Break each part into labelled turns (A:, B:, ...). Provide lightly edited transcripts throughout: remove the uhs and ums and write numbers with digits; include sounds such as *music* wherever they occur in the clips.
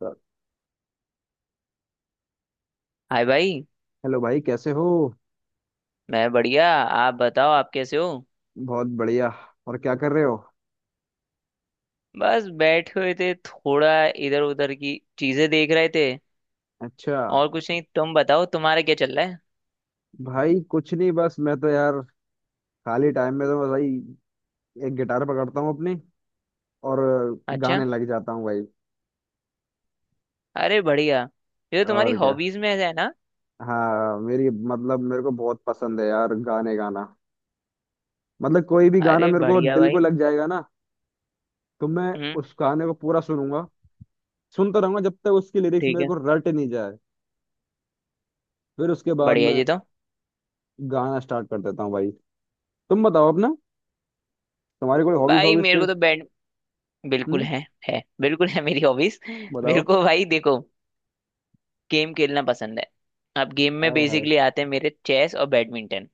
A: Sir.
B: Hi भाई।
A: Hello भाई कैसे हो।
B: मैं बढ़िया, आप बताओ, आप कैसे हो।
A: बहुत बढ़िया। और क्या कर रहे हो।
B: बस बैठे हुए थे, थोड़ा इधर उधर की चीजें देख रहे थे।
A: अच्छा।
B: और कुछ नहीं, तुम बताओ तुम्हारा क्या चल रहा है।
A: भाई कुछ नहीं, बस मैं तो यार खाली टाइम में तो भाई एक गिटार पकड़ता हूँ अपनी, और
B: अच्छा।
A: गाने लग जाता हूँ भाई।
B: अरे बढ़िया, ये तो तुम्हारी
A: और क्या।
B: हॉबीज में से है ना।
A: हाँ, मेरी मतलब मेरे को बहुत पसंद है यार गाने गाना। मतलब कोई भी गाना
B: अरे
A: मेरे को
B: बढ़िया
A: दिल को
B: भाई।
A: लग जाएगा ना। तो मैं
B: हम्म।
A: उस गाने को पूरा सुनूंगा, सुनता रहूंगा जब तक उसकी लिरिक्स
B: ठीक
A: मेरे
B: है।
A: को रट नहीं जाए। फिर उसके बाद
B: बढ़िया
A: मैं
B: जी। तो
A: गाना स्टार्ट कर देता हूँ भाई। तुम बताओ अपना, तुम्हारी कोई हॉबीज
B: भाई
A: हॉबीज के।
B: मेरे को तो बैड बिल्कुल
A: हम्म,
B: है बिल्कुल है मेरी हॉबीज। मेरे
A: बताओ।
B: को भाई देखो, गेम खेलना पसंद है। अब गेम में
A: आए हाय।
B: बेसिकली आते हैं मेरे चेस और बैडमिंटन।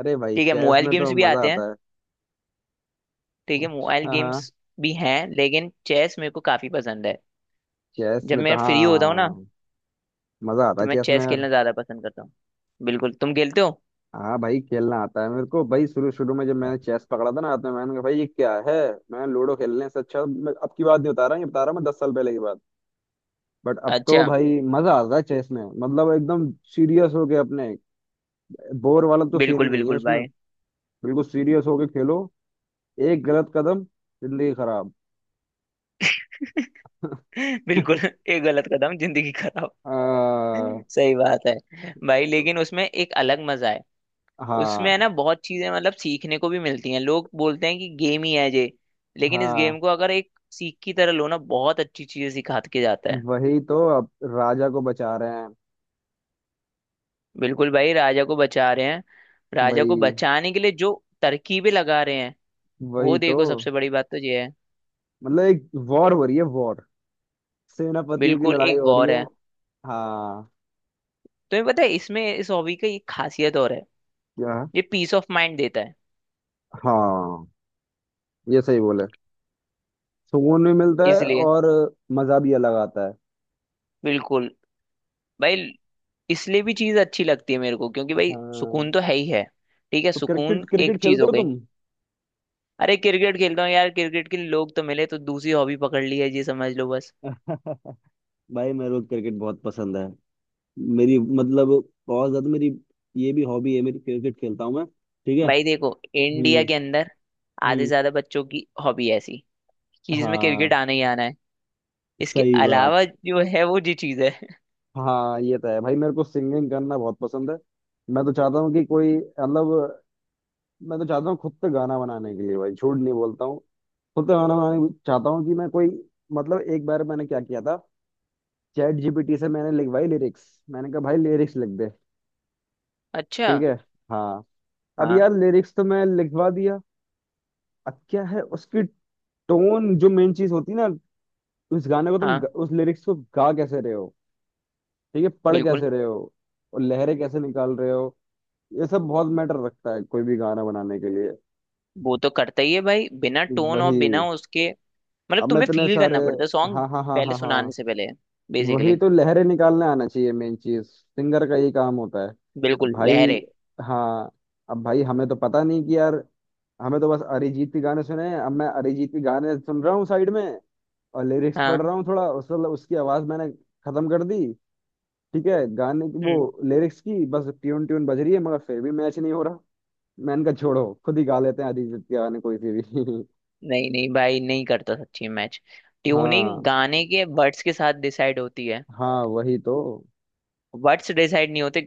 A: अरे भाई
B: ठीक है,
A: चेस
B: मोबाइल
A: में
B: गेम्स
A: तो
B: भी
A: मजा
B: आते हैं।
A: आता है।
B: ठीक है, मोबाइल
A: हाँ हाँ,
B: गेम्स भी हैं, लेकिन चेस मेरे को काफी पसंद है।
A: चेस
B: जब
A: में तो,
B: मैं फ्री होता हूँ ना,
A: हाँ, मजा आता
B: तो
A: है
B: मैं
A: चेस में
B: चेस
A: यार।
B: खेलना ज्यादा पसंद करता हूँ। बिल्कुल, तुम खेलते हो।
A: हाँ भाई खेलना आता है मेरे को भाई। शुरू शुरू में जब मैंने चेस पकड़ा था ना हाथ में, मैंने कहा भाई ये क्या है। मैं लूडो खेलने से अच्छा, मैं अब की बात नहीं बता रहा, ये बता रहा मैं 10 साल पहले की बात। बट अब तो
B: अच्छा।
A: भाई मजा आता है चेस में, मतलब एकदम सीरियस होके अपने, बोर वाला तो सीन ही
B: बिल्कुल
A: नहीं है
B: बिल्कुल
A: उसमें।
B: भाई।
A: बिल्कुल सीरियस होके खेलो। एक गलत कदम, जिंदगी खराब।
B: *laughs* बिल्कुल, एक गलत कदम जिंदगी खराब।
A: *laughs* आ,
B: सही बात है भाई, लेकिन उसमें एक अलग मजा है। उसमें है
A: हाँ
B: ना बहुत चीजें मतलब सीखने को भी मिलती हैं। लोग बोलते हैं कि गेम ही है ये, लेकिन इस
A: हाँ।
B: गेम को अगर एक सीख की तरह लो ना, बहुत अच्छी चीजें सिखा के जाता है।
A: वही तो, अब राजा को बचा रहे हैं।
B: बिल्कुल भाई, राजा को बचा रहे हैं। राजा को
A: वही
B: बचाने के लिए जो तरकीबें लगा रहे हैं, वो
A: वही तो।
B: देखो, सबसे बड़ी बात तो ये है।
A: मतलब एक वॉर हो रही है, वॉर, सेनापतियों की
B: बिल्कुल
A: लड़ाई
B: एक
A: हो रही
B: वॉर
A: है।
B: है।
A: हाँ।
B: तुम्हें पता है इसमें इस हॉबी का ये खासियत और है,
A: क्या।
B: ये पीस ऑफ माइंड देता है।
A: हाँ, ये सही बोले। सुकून भी मिलता है
B: इसलिए
A: और मजा भी अलग आता है।
B: बिल्कुल भाई, इसलिए भी चीज अच्छी लगती है मेरे को, क्योंकि भाई
A: हाँ।
B: सुकून तो है ही है। ठीक है,
A: तो क्रिकेट,
B: सुकून एक
A: क्रिकेट
B: चीज
A: खेलते
B: हो
A: हो
B: गई।
A: तुम।
B: अरे क्रिकेट खेलता हूँ यार, क्रिकेट के लिए लोग तो मिले, तो दूसरी हॉबी पकड़ ली है ये, समझ लो बस।
A: *laughs* भाई मेरे को क्रिकेट बहुत पसंद है। मेरी मतलब बहुत ज्यादा मेरी। ये भी हॉबी है मेरी, क्रिकेट खेलता हूँ मैं, ठीक है।
B: भाई देखो, इंडिया
A: हम्म।
B: के अंदर आधे से
A: हम्म।
B: ज्यादा बच्चों की हॉबी ऐसी कि जिसमें क्रिकेट
A: हाँ
B: आना ही आना है। इसके
A: सही बात।
B: अलावा जो है वो जी चीज है।
A: हाँ ये तो है भाई। मेरे को सिंगिंग करना बहुत पसंद है। मैं तो चाहता हूँ कि कोई, मतलब मैं तो चाहता हूँ खुद से गाना बनाने के लिए भाई, झूठ नहीं बोलता हूँ। खुद से गाना बनाने चाहता हूँ कि मैं कोई, मतलब एक बार मैंने क्या किया था। चैट जीपीटी से मैंने लिखवाई लिरिक्स। मैंने कहा भाई लिरिक्स लिख दे।
B: *laughs* अच्छा।
A: ठीक है। हाँ। अब
B: हाँ
A: यार लिरिक्स तो मैं लिखवा दिया। अब क्या है उसकी टोन, जो मेन चीज होती है ना। उस गाने को तुम
B: हाँ,
A: उस लिरिक्स को गा कैसे रहे हो। ठीक है। पढ़
B: बिल्कुल।
A: कैसे रहे हो। और लहरें कैसे निकाल रहे हो। ये सब बहुत मैटर रखता है कोई भी गाना बनाने के लिए।
B: वो तो करता ही है भाई, बिना टोन और
A: वही।
B: बिना उसके मतलब
A: अब मैं
B: तुम्हें
A: इतने
B: फील
A: सारे,
B: करना पड़ता है
A: हाँ
B: सॉन्ग
A: हाँ हाँ
B: पहले
A: हाँ
B: सुनाने
A: हाँ।
B: से पहले,
A: वही
B: बेसिकली।
A: तो, लहरें निकालने आना चाहिए। मेन चीज सिंगर का ये काम होता है। अब
B: बिल्कुल
A: भाई।
B: लहरे।
A: हाँ। अब भाई हमें तो पता नहीं कि यार, हमें तो बस अरिजीत के गाने सुने हैं। अब मैं अरिजीत के गाने सुन रहा हूँ साइड में, और लिरिक्स पढ़
B: हाँ।
A: रहा हूँ थोड़ा, उस उसकी आवाज मैंने खत्म कर दी। ठीक है। गाने की वो,
B: हम्म।
A: लिरिक्स की बस ट्यून ट्यून बज रही है, मगर फिर भी मैच नहीं हो रहा। मैंने कहा छोड़ो, खुद ही गा लेते हैं अरिजीत के गाने कोई से भी। *laughs*
B: नहीं नहीं भाई, नहीं करता सच्ची मैच। ट्यूनिंग
A: हाँ।
B: गाने के वर्ड्स के साथ डिसाइड होती है।
A: हाँ वही तो।
B: वर्ड्स डिसाइड नहीं होते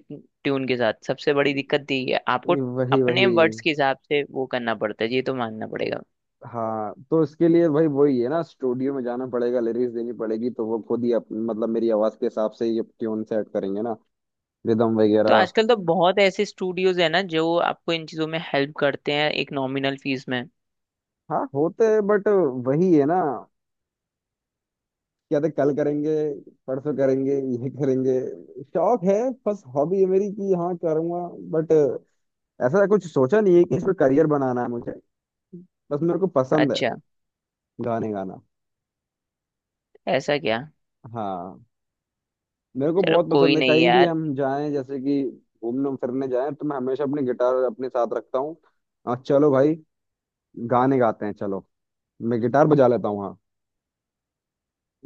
B: ट्यून के साथ, सबसे बड़ी दिक्कत यही है आपको।
A: वही
B: अपने
A: वही।
B: वर्ड्स के हिसाब से वो करना पड़ता है, ये तो मानना पड़ेगा।
A: हाँ तो इसके लिए भाई वही है ना, स्टूडियो में जाना पड़ेगा, लिरिक्स देनी पड़ेगी। तो वो खुद ही मतलब मेरी आवाज के हिसाब से ये ट्यून सेट करेंगे ना, रिदम
B: तो
A: वगैरह।
B: आजकल तो बहुत ऐसे स्टूडियोज है ना, जो आपको इन चीजों में हेल्प करते हैं एक नॉमिनल फीस में।
A: हाँ होते हैं, बट वही है ना। क्या थे, कल करेंगे, परसों करेंगे, ये करेंगे। शौक है, बस हॉबी है मेरी कि हाँ करूंगा, बट ऐसा कुछ सोचा नहीं है कि इसमें करियर बनाना है मुझे। बस मेरे को पसंद है
B: अच्छा।
A: गाने गाना।
B: ऐसा क्या।
A: हाँ। मेरे को
B: चलो
A: बहुत
B: कोई
A: पसंद है,
B: नहीं
A: कहीं भी
B: यार।
A: हम जाएं, जैसे कि घूमने फिरने जाएं, तो मैं हमेशा अपनी गिटार अपने साथ रखता हूँ। और चलो भाई, गाने गाते हैं, चलो। मैं गिटार बजा लेता हूँ। हाँ।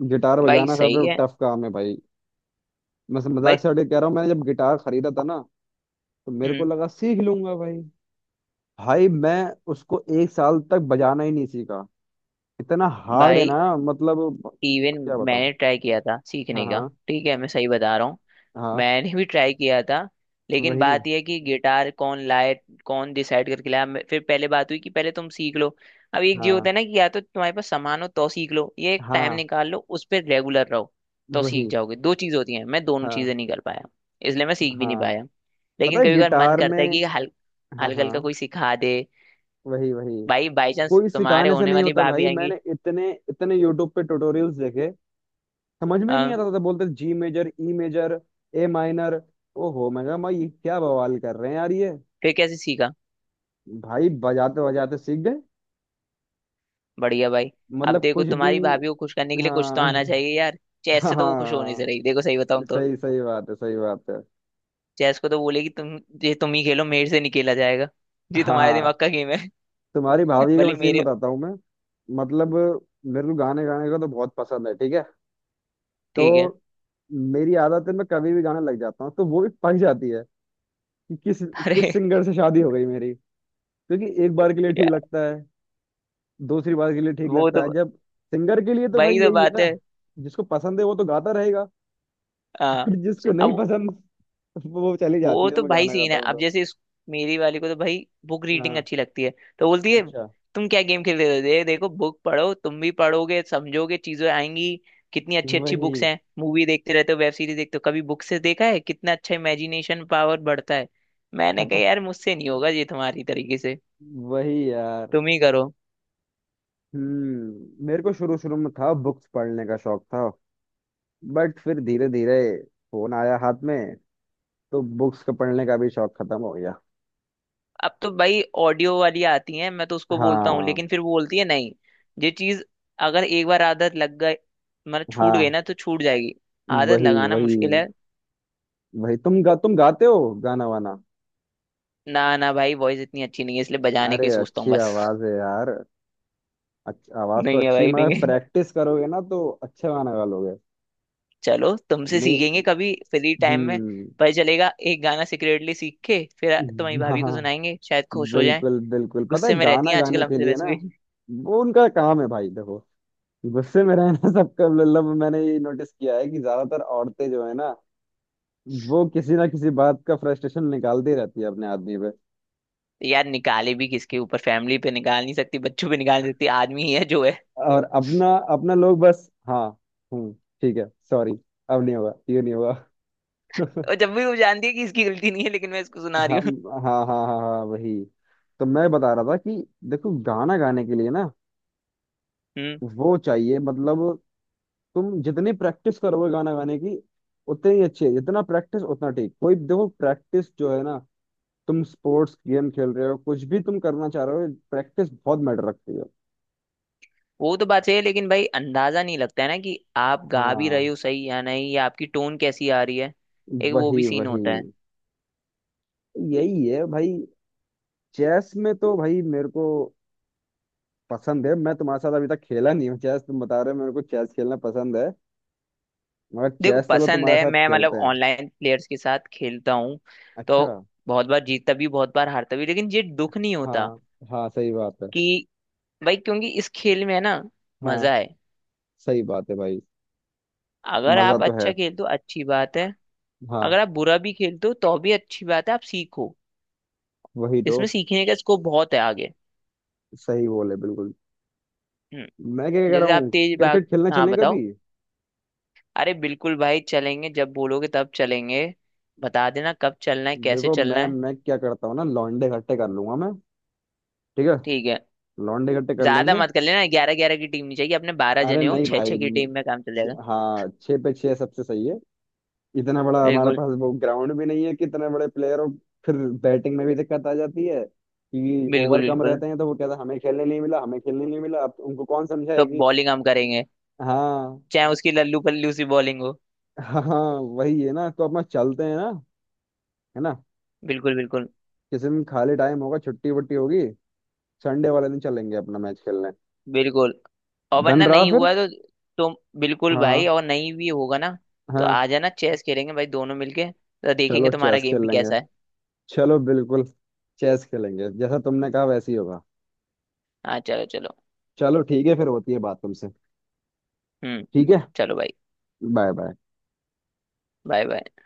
A: गिटार
B: भाई
A: बजाना
B: सही
A: सबसे
B: है।
A: टफ काम है भाई। मैं
B: भाई
A: मजाक से हटके कह रहा हूँ, मैंने जब गिटार खरीदा था ना, तो मेरे को
B: हम्म,
A: लगा सीख लूंगा भाई। भाई मैं उसको एक साल तक बजाना ही नहीं सीखा। इतना हार्ड है
B: भाई
A: ना मतलब,
B: इवन
A: क्या बताऊँ।
B: मैंने ट्राई किया था
A: हाँ
B: सीखने का।
A: हाँ
B: ठीक है, मैं सही बता रहा हूँ।
A: हाँ,
B: मैंने भी ट्राई किया था, लेकिन
A: वही।
B: बात यह है कि गिटार कौन लाए। कौन डिसाइड करके लाया। फिर पहले बात हुई कि पहले तुम सीख लो। अब एक जी होता
A: हाँ
B: है ना कि या तो तुम्हारे पास सामान हो तो सीख लो, ये एक टाइम
A: हाँ,
B: निकाल लो उस पर रेगुलर रहो, तो सीख
A: वही।
B: जाओगे। दो चीज होती हैं, मैं दोनों
A: हाँ
B: चीजें नहीं कर पाया, इसलिए मैं सीख भी नहीं
A: हाँ,
B: पाया।
A: पता
B: लेकिन
A: है
B: कभी कभार मन
A: गिटार में।
B: करता है कि हल
A: हाँ
B: हल्का हल्का
A: हाँ
B: कोई सिखा दे।
A: वही वही।
B: भाई बाई चांस
A: कोई
B: तुम्हारे
A: सिखाने से
B: होने
A: नहीं
B: वाली
A: होता
B: भाभी
A: भाई।
B: आएंगी।
A: मैंने इतने इतने यूट्यूब पे ट्यूटोरियल्स देखे। समझ में नहीं
B: हाँ।
A: आता था, बोलते जी, major, E major, A minor. ओहो, मैं कहा भाई ये क्या बवाल कर रहे हैं यार ये।
B: फिर कैसे सीखा।
A: भाई बजाते बजाते सीख गए,
B: बढ़िया भाई। अब
A: मतलब
B: देखो
A: कुछ भी।
B: तुम्हारी भाभी को खुश करने के लिए कुछ तो
A: हाँ।
B: आना चाहिए यार।
A: *laughs*
B: चेस से तो वो खुश होने
A: हाँ,
B: से रही, देखो सही बताऊं तो।
A: सही सही बात है, सही बात है।
B: चेस को तो बोलेगी, तुम ये तुम ही खेलो, मेरे से नहीं खेला जाएगा। *laughs* जी
A: हाँ
B: तुम्हारे
A: हाँ,
B: दिमाग का गेम है।
A: तुम्हारी
B: *laughs*
A: भाभी का
B: भले
A: मशीन
B: मेरे।
A: बताता हूँ मैं। मतलब मेरे को गाने गाने का तो बहुत पसंद है, ठीक है।
B: ठीक है।
A: तो मेरी आदत है, मैं कभी भी गाना लग जाता हूँ, तो वो भी पक जाती है कि किस
B: *laughs*
A: किस
B: अरे
A: सिंगर से शादी हो गई मेरी। क्योंकि एक बार के लिए ठीक
B: यार,
A: लगता है, दूसरी बार के लिए ठीक
B: वो
A: लगता है
B: तो
A: जब, सिंगर के लिए तो भाई
B: वही तो
A: यही है
B: बात है।
A: ना, जिसको पसंद है वो तो गाता रहेगा। *laughs*
B: हाँ
A: बट जिसको नहीं
B: अब।
A: पसंद, वो चली जाती
B: वो
A: है
B: तो
A: मैं
B: भाई
A: गाना
B: सीन
A: गाता
B: है
A: हूँ
B: अब,
A: तो।
B: मेरी वाली को तो भाई बुक रीडिंग
A: हाँ
B: अच्छी लगती है। तो बोलती है,
A: अच्छा,
B: तुम क्या गेम खेलते हो, दे देखो बुक पढ़ो, तुम भी पढ़ोगे समझोगे, चीजें आएंगी। कितनी अच्छी अच्छी बुक्स
A: वही।
B: हैं, मूवी देखते रहते हो, वेब सीरीज देखते हो, कभी बुक से देखा है कितना अच्छा इमेजिनेशन पावर बढ़ता है। मैंने कहा यार, मुझसे नहीं होगा ये तुम्हारी तरीके से,
A: *laughs* वही यार।
B: तुम ही करो।
A: हम्म, मेरे को शुरू शुरू में था, बुक्स पढ़ने का शौक था, बट फिर धीरे धीरे फोन आया हाथ में, तो बुक्स का पढ़ने का भी शौक खत्म हो गया।
B: अब तो भाई ऑडियो वाली आती है, मैं तो उसको बोलता हूँ,
A: हाँ
B: लेकिन फिर वो बोलती है नहीं। ये चीज अगर एक बार आदत लग गई, मतलब छूट गई
A: हाँ,
B: ना तो छूट जाएगी। आदत
A: वही
B: लगाना
A: वही।
B: मुश्किल है।
A: वही तुम तुम गाते हो गाना वाना।
B: ना ना भाई, वॉइस इतनी अच्छी नहीं है इसलिए बजाने
A: अरे
B: की सोचता हूँ
A: अच्छी
B: बस। *laughs*
A: आवाज है यार। आवाज तो
B: नहीं है
A: अच्छी है,
B: भाई,
A: मगर
B: नहीं है।
A: प्रैक्टिस करोगे ना तो अच्छा गाना गा लोगे।
B: *laughs* चलो तुमसे सीखेंगे
A: नहीं।
B: कभी फ्री टाइम में।
A: हम्म।
B: पता चलेगा, एक गाना सीक्रेटली सीख के फिर तुम्हारी
A: *laughs*
B: भाभी को
A: हाँ।
B: सुनाएंगे, शायद खुश हो जाए।
A: बिल्कुल बिल्कुल, पता है
B: गुस्से में रहती
A: गाना
B: हैं आजकल
A: गाने के
B: हमसे
A: लिए
B: वैसे
A: ना।
B: भी।
A: वो उनका काम है भाई देखो, गुस्से में रहना। *laughs* सबका, मतलब मैंने ये नोटिस किया है कि ज्यादातर औरतें जो है ना, वो किसी ना किसी बात का फ्रस्ट्रेशन निकालती रहती है अपने आदमी पे।
B: *laughs* यार निकाले भी किसके ऊपर, फैमिली पे निकाल नहीं सकती, बच्चों पे निकाल नहीं सकती, आदमी ही है जो है। *laughs*
A: और अपना, अपना लोग बस, हाँ। हम्म। ठीक है सॉरी, अब नहीं होगा, ये नहीं होगा। *laughs*
B: और जब भी वो जानती है कि इसकी गलती नहीं है, लेकिन मैं इसको
A: हाँ
B: सुना रही हूँ।
A: हाँ हाँ हाँ हाँ। वही तो, मैं बता रहा था कि देखो, गाना गाने के लिए ना,
B: *laughs* हम्म।
A: वो चाहिए मतलब, तुम जितनी प्रैक्टिस करोगे गाना गाने की, उतनी ही अच्छी है। जितना प्रैक्टिस उतना ठीक। कोई देखो, प्रैक्टिस जो है ना, तुम स्पोर्ट्स गेम खेल रहे हो, कुछ भी तुम करना चाह रहे हो, प्रैक्टिस बहुत मैटर रखती है।
B: वो तो बात सही है, लेकिन भाई अंदाजा नहीं लगता है ना कि आप गा भी रहे
A: हाँ,
B: हो सही या नहीं, या आपकी टोन कैसी आ रही है। एक वो भी
A: वही
B: सीन
A: वही,
B: होता है।
A: यही है भाई। चेस में तो भाई मेरे को पसंद है। मैं तुम्हारे साथ अभी तक खेला नहीं हूँ चेस, तुम बता रहे हो मेरे को चेस खेलना पसंद है। मगर
B: देखो
A: चेस, चलो
B: पसंद
A: तुम्हारे
B: है,
A: साथ
B: मैं मतलब
A: खेलते हैं।
B: ऑनलाइन प्लेयर्स के साथ खेलता हूँ। तो
A: अच्छा।
B: बहुत बार जीतता भी, बहुत बार हारता भी, लेकिन ये दुख नहीं होता
A: हाँ हाँ, सही बात है।
B: कि भाई, क्योंकि इस खेल में है ना
A: हाँ
B: मजा है।
A: सही बात है भाई।
B: अगर
A: मजा
B: आप
A: तो है।
B: अच्छा खेलते हो, अच्छी बात है।
A: हाँ,
B: अगर आप बुरा भी खेलते हो तो भी अच्छी बात है, आप सीखो।
A: वही तो।
B: इसमें सीखने का स्कोप बहुत है आगे।
A: सही बोले बिल्कुल।
B: हम्म,
A: मैं क्या कह रहा
B: जैसे आप
A: हूँ,
B: तेज भाग
A: क्रिकेट खेलने
B: हाँ
A: चलें
B: बताओ।
A: कभी।
B: अरे बिल्कुल भाई, चलेंगे, जब बोलोगे तब चलेंगे। बता देना कब चलना है, कैसे
A: देखो,
B: चलना है।
A: मैं क्या करता हूँ ना, लौंडे इकट्ठे कर लूंगा मैं। ठीक है,
B: ठीक है।
A: लौंडे इकट्ठे कर
B: ज्यादा
A: लेंगे।
B: मत कर लेना, 11 11 की टीम नहीं चाहिए, अपने 12
A: अरे
B: जने हो,
A: नहीं
B: छह
A: भाई
B: छह की टीम में काम चल जाएगा।
A: हाँ, छः पे छः सबसे सही है। इतना बड़ा हमारे
B: बिल्कुल
A: पास वो ग्राउंड भी नहीं है कि इतने बड़े प्लेयर हो। फिर बैटिंग में भी दिक्कत आ जाती है कि ओवर
B: बिल्कुल।
A: कम
B: बिल्कुल,
A: रहते हैं, तो वो कहता है हमें खेलने नहीं मिला, हमें खेलने नहीं मिला। अब उनको कौन समझाए
B: तो
A: कि,
B: बॉलिंग हम करेंगे
A: हाँ
B: चाहे उसकी लल्लू पल्लू सी बॉलिंग हो।
A: हाँ, वही है ना, तो अपना चलते हैं ना, है ना।
B: बिल्कुल बिल्कुल।
A: किसी दिन खाली टाइम होगा, छुट्टी वट्टी होगी, संडे वाले दिन चलेंगे अपना मैच खेलने।
B: बिल्कुल। और
A: डन
B: वरना
A: रहा
B: नहीं
A: फिर।
B: हुआ तो तुम बिल्कुल भाई,
A: हाँ
B: और नहीं भी होगा ना, तो
A: हाँ,
B: आ जाना, चेस खेलेंगे भाई दोनों मिलके, तो
A: चलो
B: देखेंगे तुम्हारा
A: चेस खेल
B: गेम भी
A: लेंगे,
B: कैसा है।
A: चलो बिल्कुल। चेस खेलेंगे, जैसा तुमने कहा वैसे ही होगा।
B: हाँ चलो चलो।
A: चलो ठीक है, फिर होती है बात तुमसे।
B: हम्म
A: ठीक है।
B: चलो भाई।
A: Bye bye.
B: Bye bye.